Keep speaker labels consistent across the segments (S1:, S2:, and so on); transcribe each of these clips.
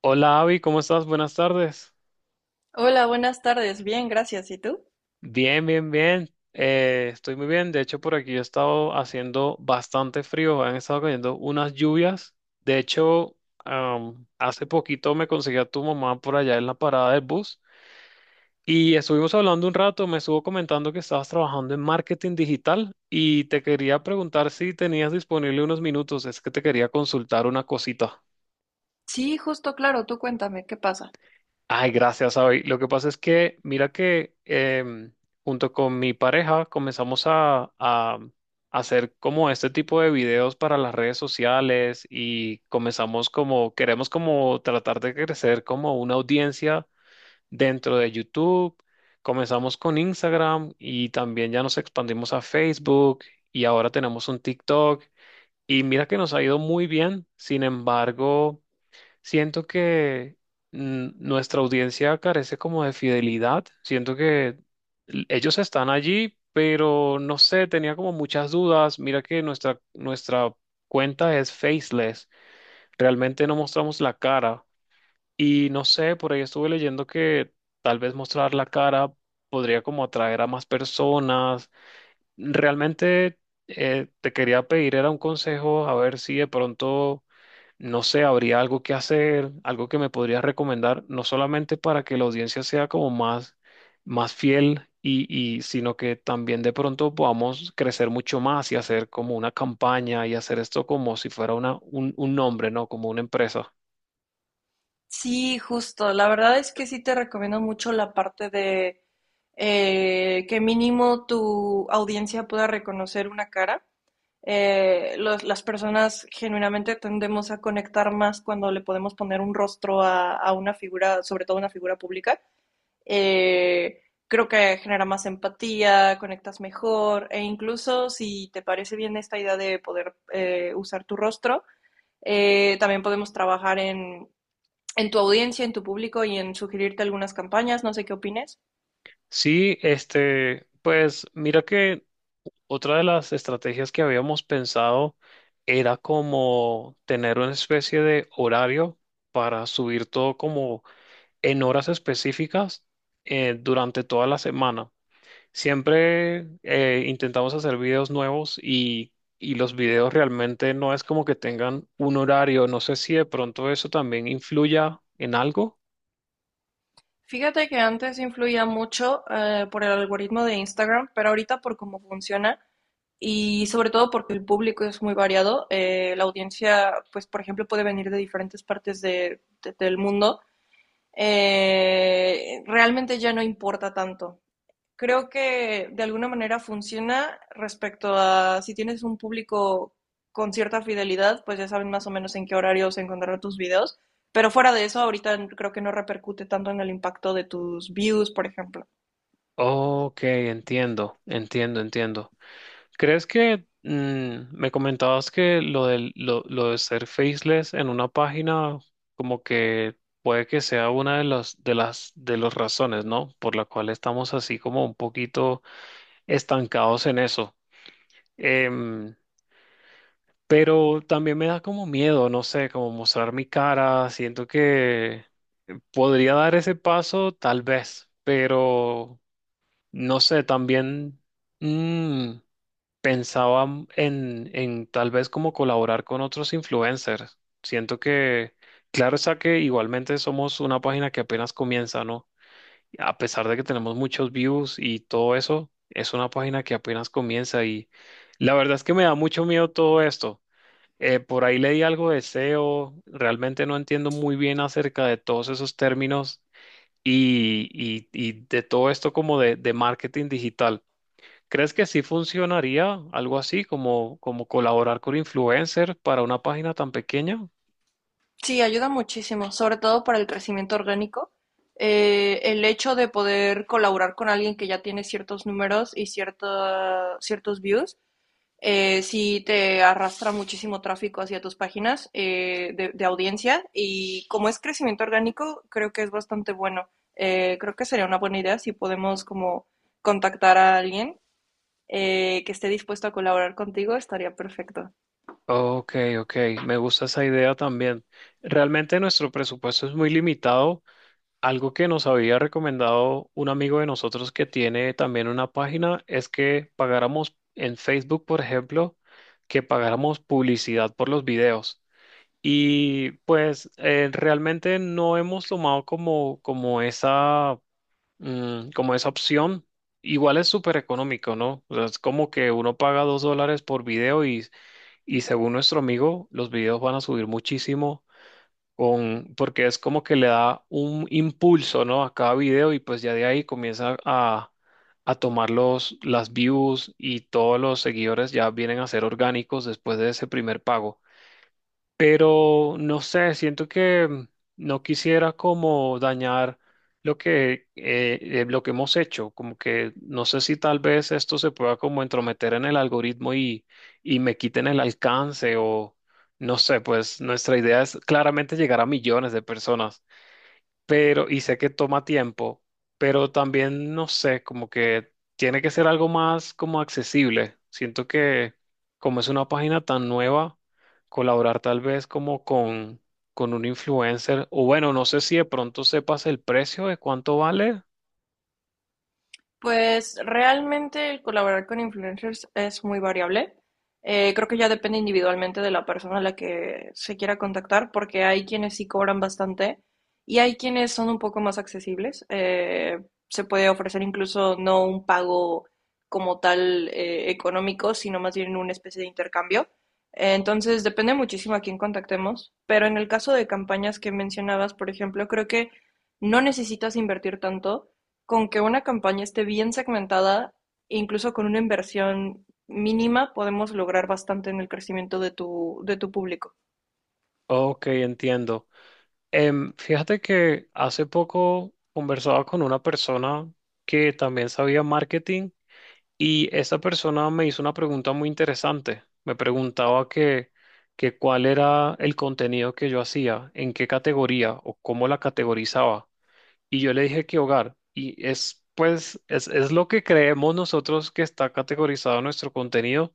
S1: Hola Avi, ¿cómo estás? Buenas tardes.
S2: Hola, buenas tardes. Bien, gracias. ¿Y tú?
S1: Bien, bien, bien. Estoy muy bien. De hecho, por aquí he estado haciendo bastante frío. Han estado cayendo unas lluvias. De hecho, hace poquito me conseguí a tu mamá por allá en la parada del bus y estuvimos hablando un rato. Me estuvo comentando que estabas trabajando en marketing digital y te quería preguntar si tenías disponible unos minutos. Es que te quería consultar una cosita.
S2: Sí, justo, claro, tú cuéntame, ¿qué pasa?
S1: Ay, gracias, Abby. Lo que pasa es que, mira que junto con mi pareja comenzamos a hacer como este tipo de videos para las redes sociales y comenzamos como, queremos como tratar de crecer como una audiencia dentro de YouTube. Comenzamos con Instagram y también ya nos expandimos a Facebook y ahora tenemos un TikTok. Y mira que nos ha ido muy bien. Sin embargo, siento que nuestra audiencia carece como de fidelidad. Siento que ellos están allí, pero no sé, tenía como muchas dudas. Mira que nuestra cuenta es faceless. Realmente no mostramos la cara. Y no sé, por ahí estuve leyendo que tal vez mostrar la cara podría como atraer a más personas. Realmente te quería pedir, era un consejo, a ver si de pronto no sé, habría algo que hacer, algo que me podrías recomendar, no solamente para que la audiencia sea como más, más fiel y sino que también de pronto podamos crecer mucho más y hacer como una campaña y hacer esto como si fuera una, un nombre, ¿no? Como una empresa.
S2: Sí, justo. La verdad es que sí te recomiendo mucho la parte de que mínimo tu audiencia pueda reconocer una cara. Las personas genuinamente tendemos a conectar más cuando le podemos poner un rostro a una figura, sobre todo una figura pública. Eh, Creo que genera más empatía, conectas mejor e incluso si te parece bien esta idea de poder usar tu rostro, también podemos trabajar en tu audiencia, en tu público y en sugerirte algunas campañas, no sé qué opines.
S1: Sí, este, pues mira que otra de las estrategias que habíamos pensado era como tener una especie de horario para subir todo como en horas específicas durante toda la semana. Siempre intentamos hacer videos nuevos y los videos realmente no es como que tengan un horario. No sé si de pronto eso también influya en algo.
S2: Fíjate que antes influía mucho por el algoritmo de Instagram, pero ahorita por cómo funciona y sobre todo porque el público es muy variado, la audiencia, pues por ejemplo, puede venir de diferentes partes del mundo. Eh, realmente ya no importa tanto. Creo que de alguna manera funciona respecto a si tienes un público con cierta fidelidad, pues ya saben más o menos en qué horarios encontrar tus videos. Pero fuera de eso, ahorita creo que no repercute tanto en el impacto de tus views, por ejemplo.
S1: Ok, entiendo, entiendo, entiendo. ¿Crees que me comentabas que lo de lo de ser faceless en una página como que puede que sea una de las de las razones, ¿no? Por la cual estamos así como un poquito estancados en eso. Em, pero también me da como miedo, no sé, como mostrar mi cara. Siento que podría dar ese paso, tal vez, pero no sé, también. mm, Pensaba en tal vez como colaborar con otros influencers. Siento que, claro está que igualmente somos una página que apenas comienza, ¿no? A pesar de que tenemos muchos views y todo eso, es una página que apenas comienza y la verdad es que me da mucho miedo todo esto. Por ahí leí algo de SEO, realmente no entiendo muy bien acerca de todos esos términos y de todo esto como de marketing digital. ¿Crees que sí funcionaría algo así como, como colaborar con influencers para una página tan pequeña?
S2: Sí, ayuda muchísimo, sobre todo para el crecimiento orgánico. El hecho de poder colaborar con alguien que ya tiene ciertos números y ciertos views, sí te arrastra muchísimo tráfico hacia tus páginas de audiencia, y como es crecimiento orgánico, creo que es bastante bueno. Creo que sería una buena idea si podemos como contactar a alguien, que esté dispuesto a colaborar contigo, estaría perfecto.
S1: Ok, ok, me gusta esa idea también. Realmente nuestro presupuesto es muy limitado. Algo que nos había recomendado un amigo de nosotros que tiene también una página es que pagáramos en Facebook, por ejemplo, que pagáramos publicidad por los videos. Y pues realmente no hemos tomado como, como esa como esa opción. Igual es súper económico, ¿no? O sea, es como que uno paga $2 por video y según nuestro amigo, los videos van a subir muchísimo con, porque es como que le da un impulso, ¿no? A cada video y pues ya de ahí comienza a tomar las views y todos los seguidores ya vienen a ser orgánicos después de ese primer pago, pero no sé, siento que no quisiera como dañar lo que hemos hecho, como que no sé si tal vez esto se pueda como entrometer en el algoritmo y me quiten el alcance o no sé, pues nuestra idea es claramente llegar a millones de personas pero, y sé que toma tiempo, pero también, no sé, como que tiene que ser algo más como accesible. Siento que como es una página tan nueva, colaborar tal vez con un influencer, o bueno, no sé si de pronto sepas el precio de cuánto vale.
S2: Pues realmente el colaborar con influencers es muy variable. Creo que ya depende individualmente de la persona a la que se quiera contactar, porque hay quienes sí cobran bastante y hay quienes son un poco más accesibles. Se puede ofrecer incluso no un pago como tal económico, sino más bien una especie de intercambio. Entonces depende muchísimo a quién contactemos, pero en el caso de campañas que mencionabas, por ejemplo, creo que no necesitas invertir tanto; con que una campaña esté bien segmentada, incluso con una inversión mínima, podemos lograr bastante en el crecimiento de de tu público.
S1: Ok, entiendo. Fíjate que hace poco conversaba con una persona que también sabía marketing. Y esa persona me hizo una pregunta muy interesante. Me preguntaba que cuál era el contenido que yo hacía, en qué categoría o cómo la categorizaba. Y yo le dije que hogar. Y es, pues, es lo que creemos nosotros que está categorizado nuestro contenido,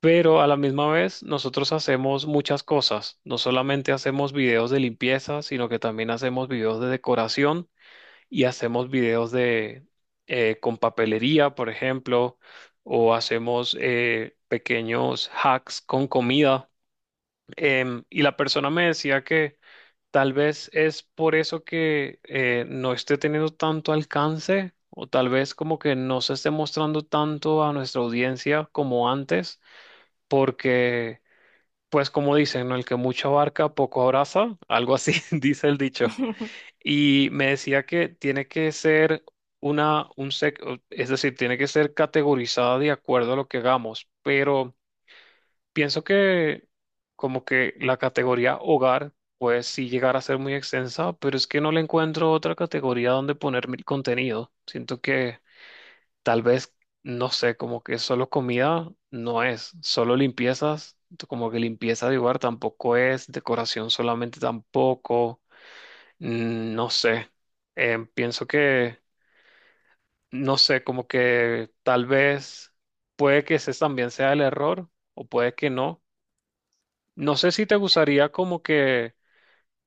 S1: pero a la misma vez nosotros hacemos muchas cosas. No solamente hacemos videos de limpieza, sino que también hacemos videos de decoración y hacemos videos de con papelería, por ejemplo, o hacemos pequeños hacks con comida. Y la persona me decía que tal vez es por eso que no esté teniendo tanto alcance, o tal vez como que no se esté mostrando tanto a nuestra audiencia como antes, porque, pues como dicen, ¿no? El que mucho abarca, poco abraza, algo así dice el dicho. Y me decía que tiene que ser una, es decir, tiene que ser categorizada de acuerdo a lo que hagamos, pero pienso que como que la categoría hogar puede sí llegar a ser muy extensa, pero es que no le encuentro otra categoría donde poner mi contenido. Siento que tal vez, no sé, como que solo comida no es, solo limpiezas, como que limpieza de hogar tampoco es, decoración solamente tampoco. No sé. Pienso que, no sé, como que tal vez puede que ese también sea el error o puede que no. No sé si te gustaría como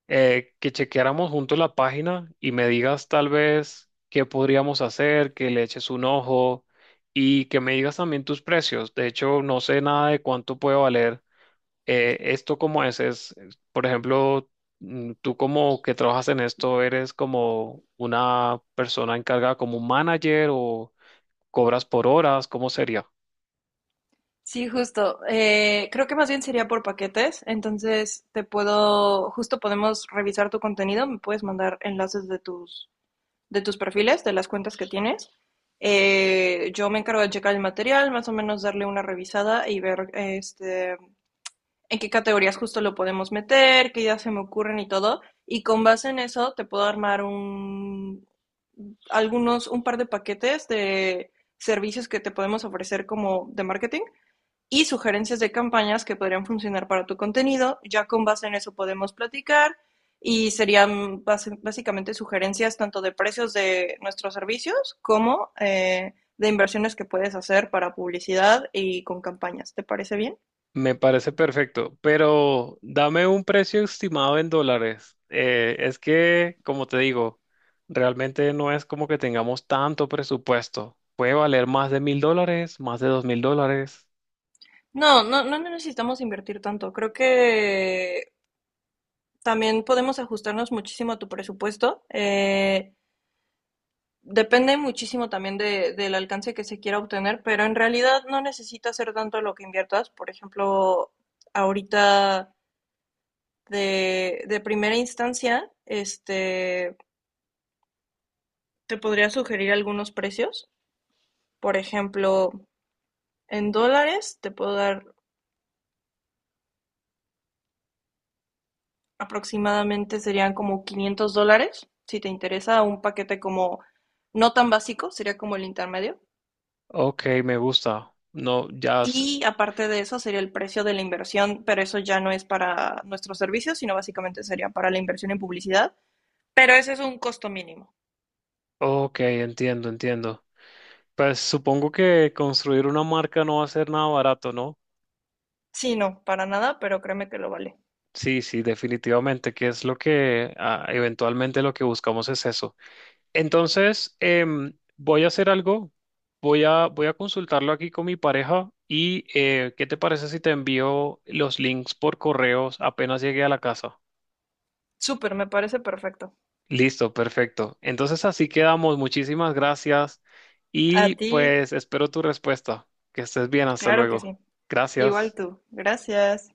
S1: que chequeáramos juntos la página y me digas tal vez qué podríamos hacer, que le eches un ojo y que me digas también tus precios. De hecho, no sé nada de cuánto puede valer esto como es, por ejemplo, tú como que trabajas en esto, eres como una persona encargada como un manager o cobras por horas, ¿cómo sería?
S2: Sí, justo. Creo que más bien sería por paquetes. Entonces, justo podemos revisar tu contenido. Me puedes mandar enlaces de tus perfiles, de las cuentas que tienes. Yo me encargo de checar el material, más o menos darle una revisada y ver este, en qué categorías justo lo podemos meter, qué ideas se me ocurren y todo. Y con base en eso te puedo armar un algunos, un par de paquetes de servicios que te podemos ofrecer como de marketing y sugerencias de campañas que podrían funcionar para tu contenido. Ya con base en eso podemos platicar y serían básicamente sugerencias tanto de precios de nuestros servicios como de inversiones que puedes hacer para publicidad y con campañas. ¿Te parece bien?
S1: Me parece perfecto, pero dame un precio estimado en dólares. Es que, como te digo, realmente no es como que tengamos tanto presupuesto. Puede valer más de $1,000, más de $2,000.
S2: No, no, no necesitamos invertir tanto. Creo que también podemos ajustarnos muchísimo a tu presupuesto. Depende muchísimo también del alcance que se quiera obtener, pero en realidad no necesita ser tanto lo que inviertas. Por ejemplo, ahorita de primera instancia, este, te podría sugerir algunos precios. Por ejemplo, en dólares te puedo dar aproximadamente, serían como $500, si te interesa, un paquete como no tan básico, sería como el intermedio.
S1: Ok, me gusta. No, ya,
S2: Y aparte de eso sería el precio de la inversión, pero eso ya no es para nuestros servicios, sino básicamente sería para la inversión en publicidad. Pero ese es un costo mínimo.
S1: ok, entiendo, entiendo. Pues supongo que construir una marca no va a ser nada barato, ¿no?
S2: Sí, no, para nada, pero créeme que lo vale.
S1: Sí, sí, definitivamente, que es lo que ah, eventualmente lo que buscamos es eso. Entonces, voy a hacer algo, voy a consultarlo aquí con mi pareja y ¿qué te parece si te envío los links por correos apenas llegue a la casa?
S2: Súper, me parece perfecto.
S1: Listo, perfecto. Entonces así quedamos. Muchísimas gracias
S2: A
S1: y
S2: ti,
S1: pues espero tu respuesta. Que estés bien, hasta
S2: claro que
S1: luego.
S2: sí. Igual
S1: Gracias.
S2: tú. Gracias.